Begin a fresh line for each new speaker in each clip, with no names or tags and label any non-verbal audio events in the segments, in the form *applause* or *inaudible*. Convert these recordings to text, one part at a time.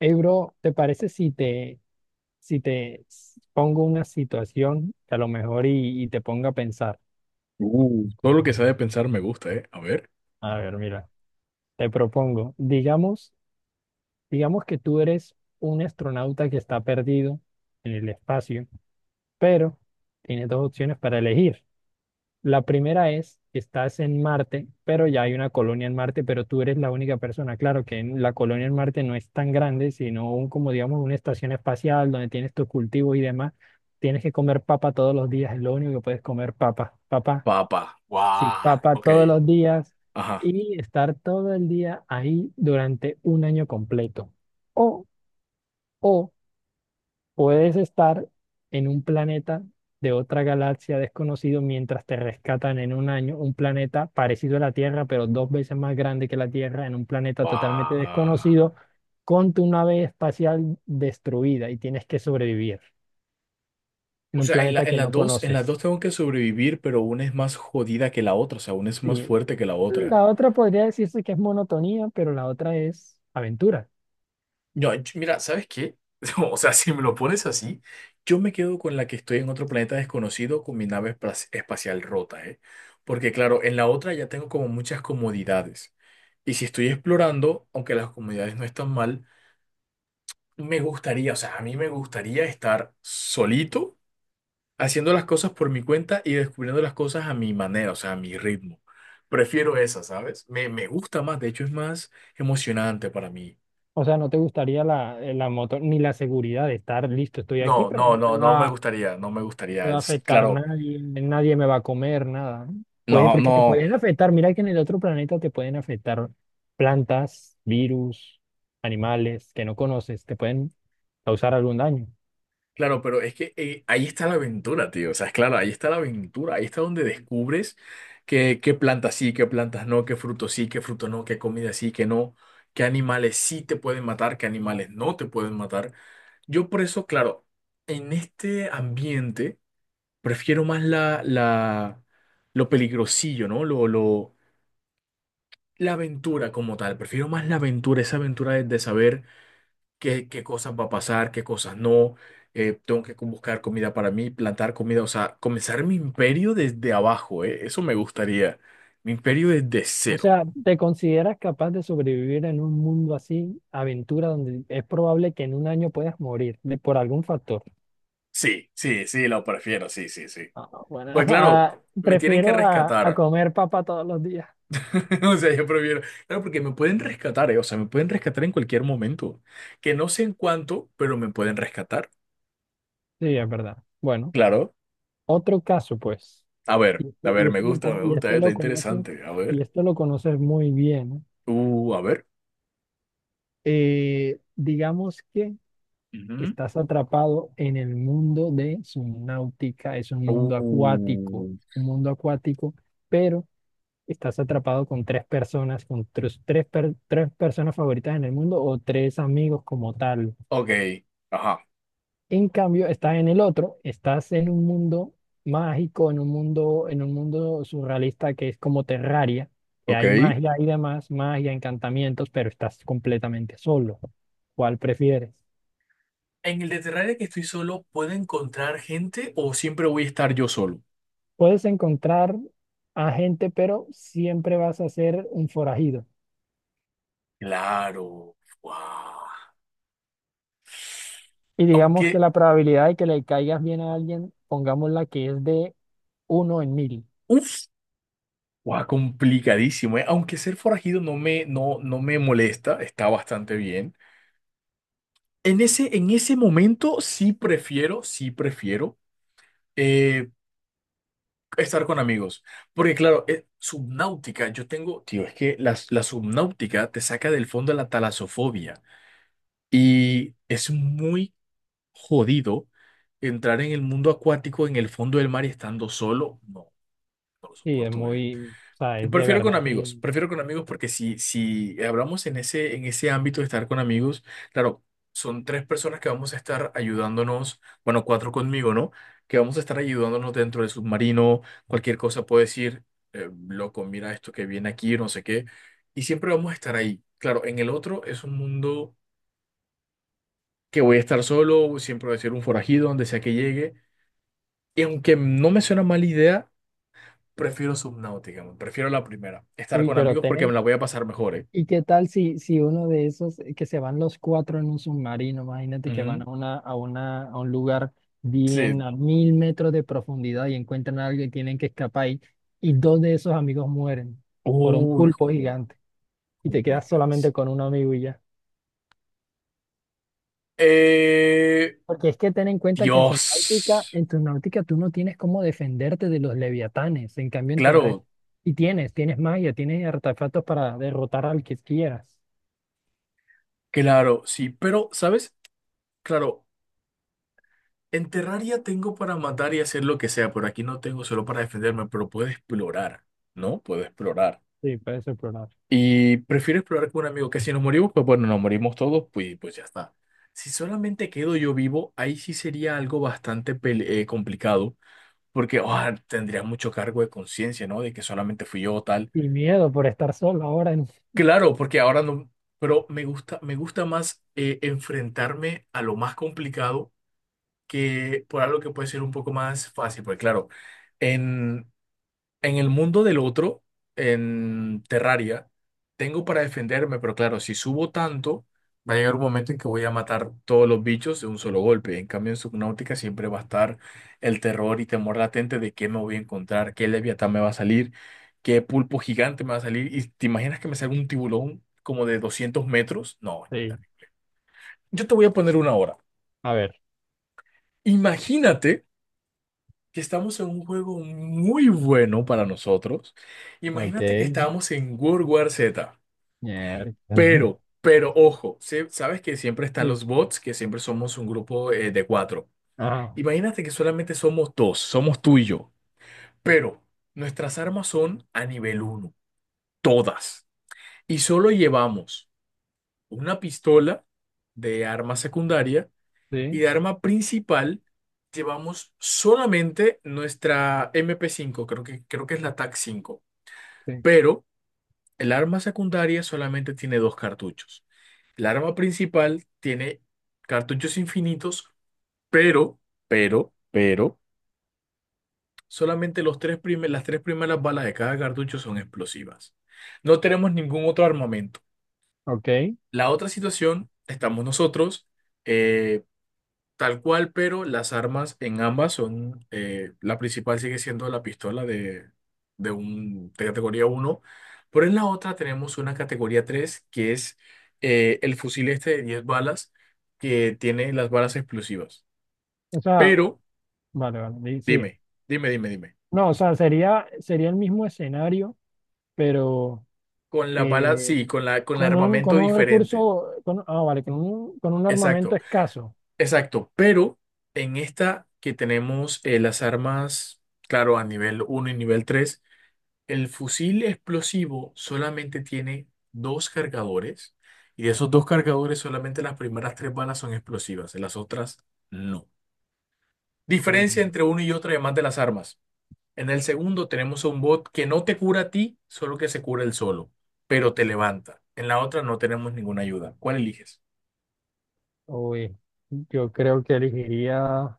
Hey, bro, ¿te parece si te pongo una situación que a lo mejor y te ponga a pensar?
Todo lo que sea de pensar me gusta, ¿eh? A ver.
A ver, mira, te propongo, digamos que tú eres un astronauta que está perdido en el espacio, pero tienes dos opciones para elegir. La primera es, estás en Marte, pero ya hay una colonia en Marte, pero tú eres la única persona. Claro que la colonia en Marte no es tan grande, sino como digamos una estación espacial donde tienes tus cultivos y demás. Tienes que comer papa todos los días, es lo único que puedes comer papa, papa,
Papa.
sí,
Guau.
papa
Ok.
todos los días
Ajá.
y estar todo el día ahí durante un año completo. O, o puedes estar en un planeta de otra galaxia desconocido mientras te rescatan en un año, un planeta parecido a la Tierra, pero dos veces más grande que la Tierra, en un planeta totalmente
Guau.
desconocido, con tu nave espacial destruida y tienes que sobrevivir en
O
un
sea, en la,
planeta
en
que
las
no
dos, en las dos
conoces.
tengo que sobrevivir, pero una es más jodida que la otra. O sea, una es más
Y
fuerte que la otra.
la otra podría decirse que es monotonía, pero la otra es aventura.
No, mira, ¿sabes qué? *laughs* O sea, si me lo pones así, yo me quedo con la que estoy en otro planeta desconocido con mi nave espacial rota, ¿eh? Porque claro, en la otra ya tengo como muchas comodidades. Y si estoy explorando, aunque las comodidades no están mal, me gustaría, o sea, a mí me gustaría estar solito haciendo las cosas por mi cuenta y descubriendo las cosas a mi manera, o sea, a mi ritmo. Prefiero esa, ¿sabes? Me gusta más, de hecho es más emocionante para mí.
O sea, no te gustaría la, la moto ni la seguridad de estar listo, estoy
No,
aquí, pero
no,
no me
no, no me
va
gustaría, no me
me va
gustaría.
a
Sí,
afectar
claro,
nadie, nadie me va a comer, nada, ¿no? Puede,
no,
porque te
no.
pueden afectar, mira que en el otro planeta te pueden afectar plantas, virus, animales que no conoces, te pueden causar algún daño.
Claro, pero es que ahí está la aventura, tío. O sea, es claro, ahí está la aventura. Ahí está donde descubres qué plantas sí, qué plantas no, qué frutos sí, qué frutos no, qué comida sí, qué no, qué animales sí te pueden matar, qué animales no te pueden matar. Yo por eso, claro, en este ambiente prefiero más lo peligrosillo, ¿no? La aventura como tal. Prefiero más la aventura, esa aventura de saber qué cosas va a pasar, qué cosas no. Tengo que buscar comida para mí, plantar comida, o sea, comenzar mi imperio desde abajo. Eso me gustaría. Mi imperio desde
O
cero.
sea, ¿te consideras capaz de sobrevivir en un mundo así, aventura, donde es probable que en un año puedas morir de, por algún factor?
Sí, sí, sí, lo prefiero, sí, sí, sí.
Ah, bueno, *laughs*
Pues claro,
ah,
me tienen que
prefiero a,
rescatar.
comer papa todos los días.
*laughs* O sea, yo prefiero. Claro, porque me pueden rescatar, o sea, me pueden rescatar en cualquier momento. Que no sé en cuánto, pero me pueden rescatar.
Sí, es verdad. Bueno,
Claro.
otro caso, pues. Y
A
este, y
ver, me
este lo,
gusta, me
con- y
gusta, eh,
este
Está
lo conoces,
interesante. A
y
ver.
esto lo conoces muy bien, ¿no?
A ver.
Digamos que
Ujú.
estás atrapado en el mundo de subnáutica, es
Uh.
un mundo acuático, pero estás atrapado con tres personas favoritas en el mundo o tres amigos como tal.
Ok, ajá.
En cambio, estás en el otro, estás en un mundo mágico, en un mundo surrealista que es como Terraria, que hay
Ok.
magia y demás, magia, encantamientos, pero estás completamente solo. ¿Cuál prefieres?
En el de Terraria que estoy solo, ¿puedo encontrar gente o siempre voy a estar yo solo?
Puedes encontrar a gente, pero siempre vas a ser un forajido.
Claro. Guau.
Y digamos que
Aunque,
la probabilidad de que le caigas bien a alguien, pongámosla que es de 1 en 1000.
uff, guau, complicadísimo, ¿eh? Aunque ser forajido no, no me molesta, está bastante bien. En ese momento sí prefiero eh, estar con amigos. Porque claro, subnáutica, yo tengo, tío, es que la subnáutica te saca del fondo de la talasofobia. Y es muy jodido entrar en el mundo acuático en el fondo del mar y estando solo. No, no lo
Sí, es
soporto.
muy, o sea,
Y
es de
prefiero
verdad
con
que...
amigos, prefiero con amigos porque si hablamos en ese ámbito de estar con amigos, claro, son tres personas que vamos a estar ayudándonos, bueno, cuatro conmigo, ¿no? Que vamos a estar ayudándonos dentro del submarino, cualquier cosa puedo decir, loco, mira esto que viene aquí, no sé qué. Y siempre vamos a estar ahí. Claro, en el otro es un mundo que voy a estar solo, siempre voy a ser un forajido donde sea que llegue. Y aunque no me suena mala idea, prefiero Subnautica, man, prefiero la primera. Estar
Uy,
con
pero
amigos porque
ten,
me la voy a pasar mejor, ¿eh?
¿y qué tal si, uno de esos, que se van los cuatro en un submarino, imagínate que van
Ujú.
a un lugar bien
Sí.
a 1000 metros de profundidad y encuentran a alguien y tienen que escapar y dos de esos amigos mueren por un
Uy,
pulpo gigante y te quedas solamente
complicadísimo.
con un amigo y ya?
Eh,
Porque es que ten en cuenta que en su náutica,
Dios.
en tu náutica tú no tienes cómo defenderte de los leviatanes, en cambio en terrestre
Claro,
y tienes magia, tienes artefactos para derrotar al que quieras.
claro, sí. Pero, ¿sabes? Claro, en Terraria tengo para matar y hacer lo que sea, pero aquí no tengo solo para defenderme, pero puedo explorar, ¿no? Puedo explorar.
Sí, para ese programa.
Y prefiero explorar con un amigo que si nos morimos, pues bueno, nos morimos todos, pues ya está. Si solamente quedo yo vivo, ahí sí sería algo bastante complicado, porque tendría mucho cargo de conciencia, ¿no? De que solamente fui yo tal.
Y miedo por estar solo ahora en...
Claro, porque ahora no, pero me gusta más enfrentarme a lo más complicado que por algo que puede ser un poco más fácil, porque claro, en, En el mundo del otro, en Terraria, tengo para defenderme, pero claro, si subo tanto, va a llegar un momento en que voy a matar todos los bichos de un solo golpe. En cambio, en Subnautica siempre va a estar el terror y temor latente de qué me voy a encontrar, qué leviatán me va a salir, qué pulpo gigante me va a salir. ¿Y te imaginas que me salga un tiburón como de 200 metros? No,
Sí,
yo te voy a poner una hora.
a ver,
Imagínate que estamos en un juego muy bueno para nosotros. Imagínate que
ok,
estábamos en World War Z,
miércoles. *laughs*
pero ojo, sabes que siempre están
Sí,
los bots, que siempre somos un grupo de cuatro.
ajá,
Imagínate que solamente somos dos, somos tú y yo, pero nuestras armas son a nivel uno, todas. Y solo llevamos una pistola de arma secundaria y
sí,
de arma principal llevamos solamente nuestra MP5, creo que es la TAC 5,
sí,
pero el arma secundaria solamente tiene dos cartuchos. El arma principal tiene cartuchos infinitos, pero, pero, solamente las tres primeras balas de cada cartucho son explosivas. No tenemos ningún otro armamento.
ok.
La otra situación, estamos nosotros. eh, Tal cual, pero las armas en ambas son, la principal sigue siendo la pistola de categoría uno, pero en la otra tenemos una categoría 3 que es el fusil este de 10 balas que tiene las balas explosivas.
O sea,
Pero
vale, vale, sigue.
dime, dime, dime, dime.
No, o sea, sería, el mismo escenario, pero
Con la bala,
eh,
sí, con el
con un, con
armamento
un,
diferente.
recurso, con, vale, con un armamento
Exacto,
escaso.
exacto. Pero en esta que tenemos las armas, claro, a nivel uno y nivel tres. El fusil explosivo solamente tiene dos cargadores y de esos dos cargadores solamente las primeras tres balas son explosivas, las otras no.
Mm.
Diferencia entre uno y otro además de las armas. En el segundo tenemos a un bot que no te cura a ti, solo que se cura él solo, pero te levanta. En la otra no tenemos ninguna ayuda. ¿Cuál eliges?
Uy, yo creo que elegiría.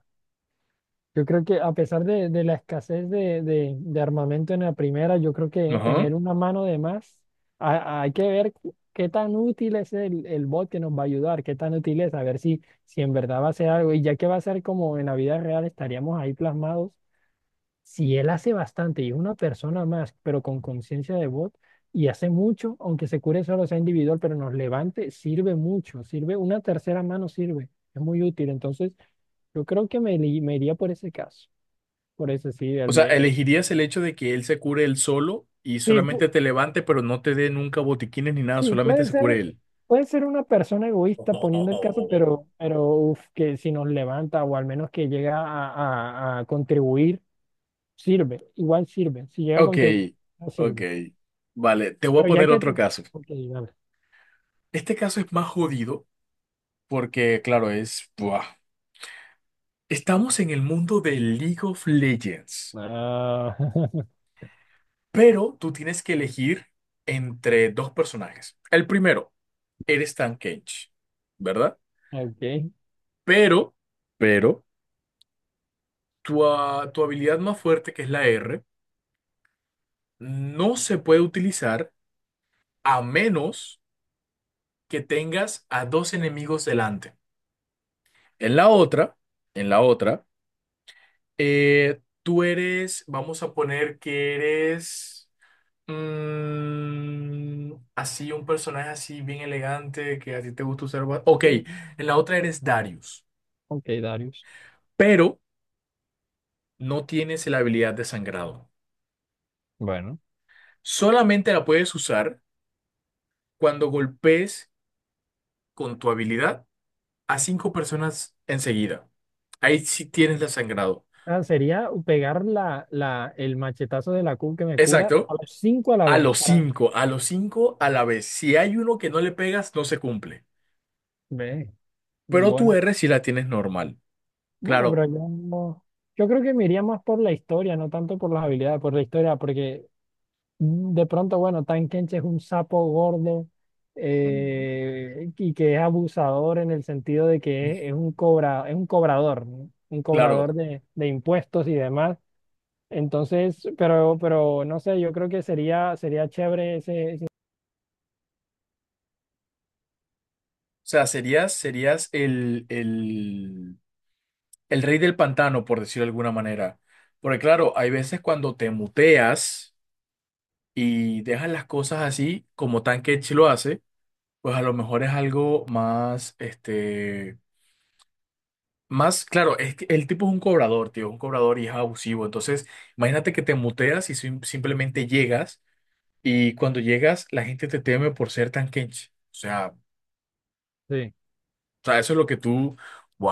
Yo creo que a pesar de, la escasez de armamento en la primera, yo creo que
Ajá.
tener una mano de más, hay que ver qué tan útil es el, bot que nos va a ayudar, qué tan útil es, a ver si en verdad va a hacer algo. Y ya que va a ser como en la vida real, estaríamos ahí plasmados. Si él hace bastante y es una persona más, pero con conciencia de bot, y hace mucho, aunque se cure solo sea individual, pero nos levante, sirve mucho, sirve, una tercera mano sirve, es muy útil. Entonces, yo creo que me, me iría por ese caso. Por eso sí,
O
el
sea,
de...
¿elegirías el hecho de que él se cure él solo y
Sí,
solamente te levante, pero no te dé nunca botiquines ni nada,
sí,
solamente se cure él?
puede ser una persona egoísta poniendo el caso,
*laughs*
pero uf, que si nos levanta o al menos que llega a, a contribuir, sirve, igual sirve. Si llega a
Ok,
contribuir, no
ok.
sirve.
Vale, te voy a
Pero ya
poner
que
otro
tú...
caso.
Ok, dale.
Este caso es más jodido porque, claro, buah. Estamos en el mundo de League of Legends,
Ah, *laughs*
pero tú tienes que elegir entre dos personajes. El primero, eres Tank Tankage, ¿verdad?
ok.
Pero, pero, tu habilidad más fuerte, que es la R, no se puede utilizar a menos que tengas a dos enemigos delante. En la otra, en la otra. Tú eres, vamos a poner que eres así, un personaje así bien elegante que a ti te gusta usar. Ok, en la otra eres Darius,
Ok, Darius.
pero no tienes la habilidad de sangrado.
Bueno,
Solamente la puedes usar cuando golpes con tu habilidad a cinco personas enseguida. Ahí sí tienes la sangrado.
ah, sería pegar la, el machetazo de la Q que me cura a
Exacto.
los cinco a la
A
vez.
los
Para...
cinco, a los cinco a la vez. Si hay uno que no le pegas, no se cumple.
Ve,
Pero tu
bueno.
R sí la tienes normal.
Bueno, pero
Claro.
yo, yo creo que me iría más por la historia, no tanto por las habilidades, por la historia, porque de pronto, bueno, Tankenche es un sapo gordo,
Ujú.
y que es abusador en el sentido de que es, un cobra, es un cobrador, ¿no? Un
Claro.
cobrador de, impuestos y demás. Entonces, pero no sé, yo creo que sería chévere ese, ese-
O sea, serías el rey del pantano, por decirlo de alguna manera. Porque claro, hay veces cuando te muteas y dejas las cosas así, como Tankech lo hace, pues a lo mejor es algo más, claro, es que el tipo es un cobrador, tío, un cobrador y es abusivo. Entonces, imagínate que te muteas y simplemente llegas y cuando llegas la gente te teme por ser Tankech. O sea...
Sí.
sea, eso es lo que tú,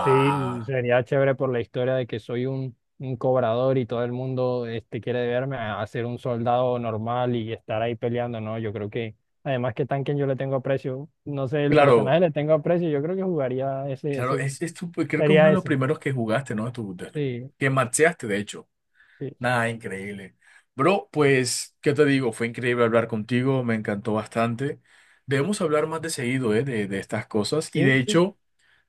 Sí, sería chévere por la historia de que soy un, cobrador y todo el mundo este, quiere verme a ser un soldado normal y estar ahí peleando, ¿no? Yo creo que, además que Tanken yo le tengo aprecio, no sé, el
Claro,
personaje le tengo aprecio, yo creo que jugaría
claro, pues, creo que es uno
sería
de los
ese.
primeros que jugaste, ¿no?
Sí,
Que maxeaste, de hecho.
sí,
Nada, increíble. Bro, pues, ¿qué te digo? Fue increíble hablar contigo, me encantó bastante. Debemos hablar más de seguido, ¿eh? De estas cosas. Y
sí,
de
sí,
hecho,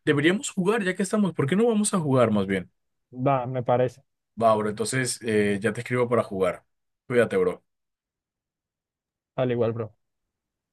deberíamos jugar, ya que estamos. ¿Por qué no vamos a jugar más bien?
va, me parece,
Va, bro, entonces ya te escribo para jugar. Cuídate, bro.
al igual, bro.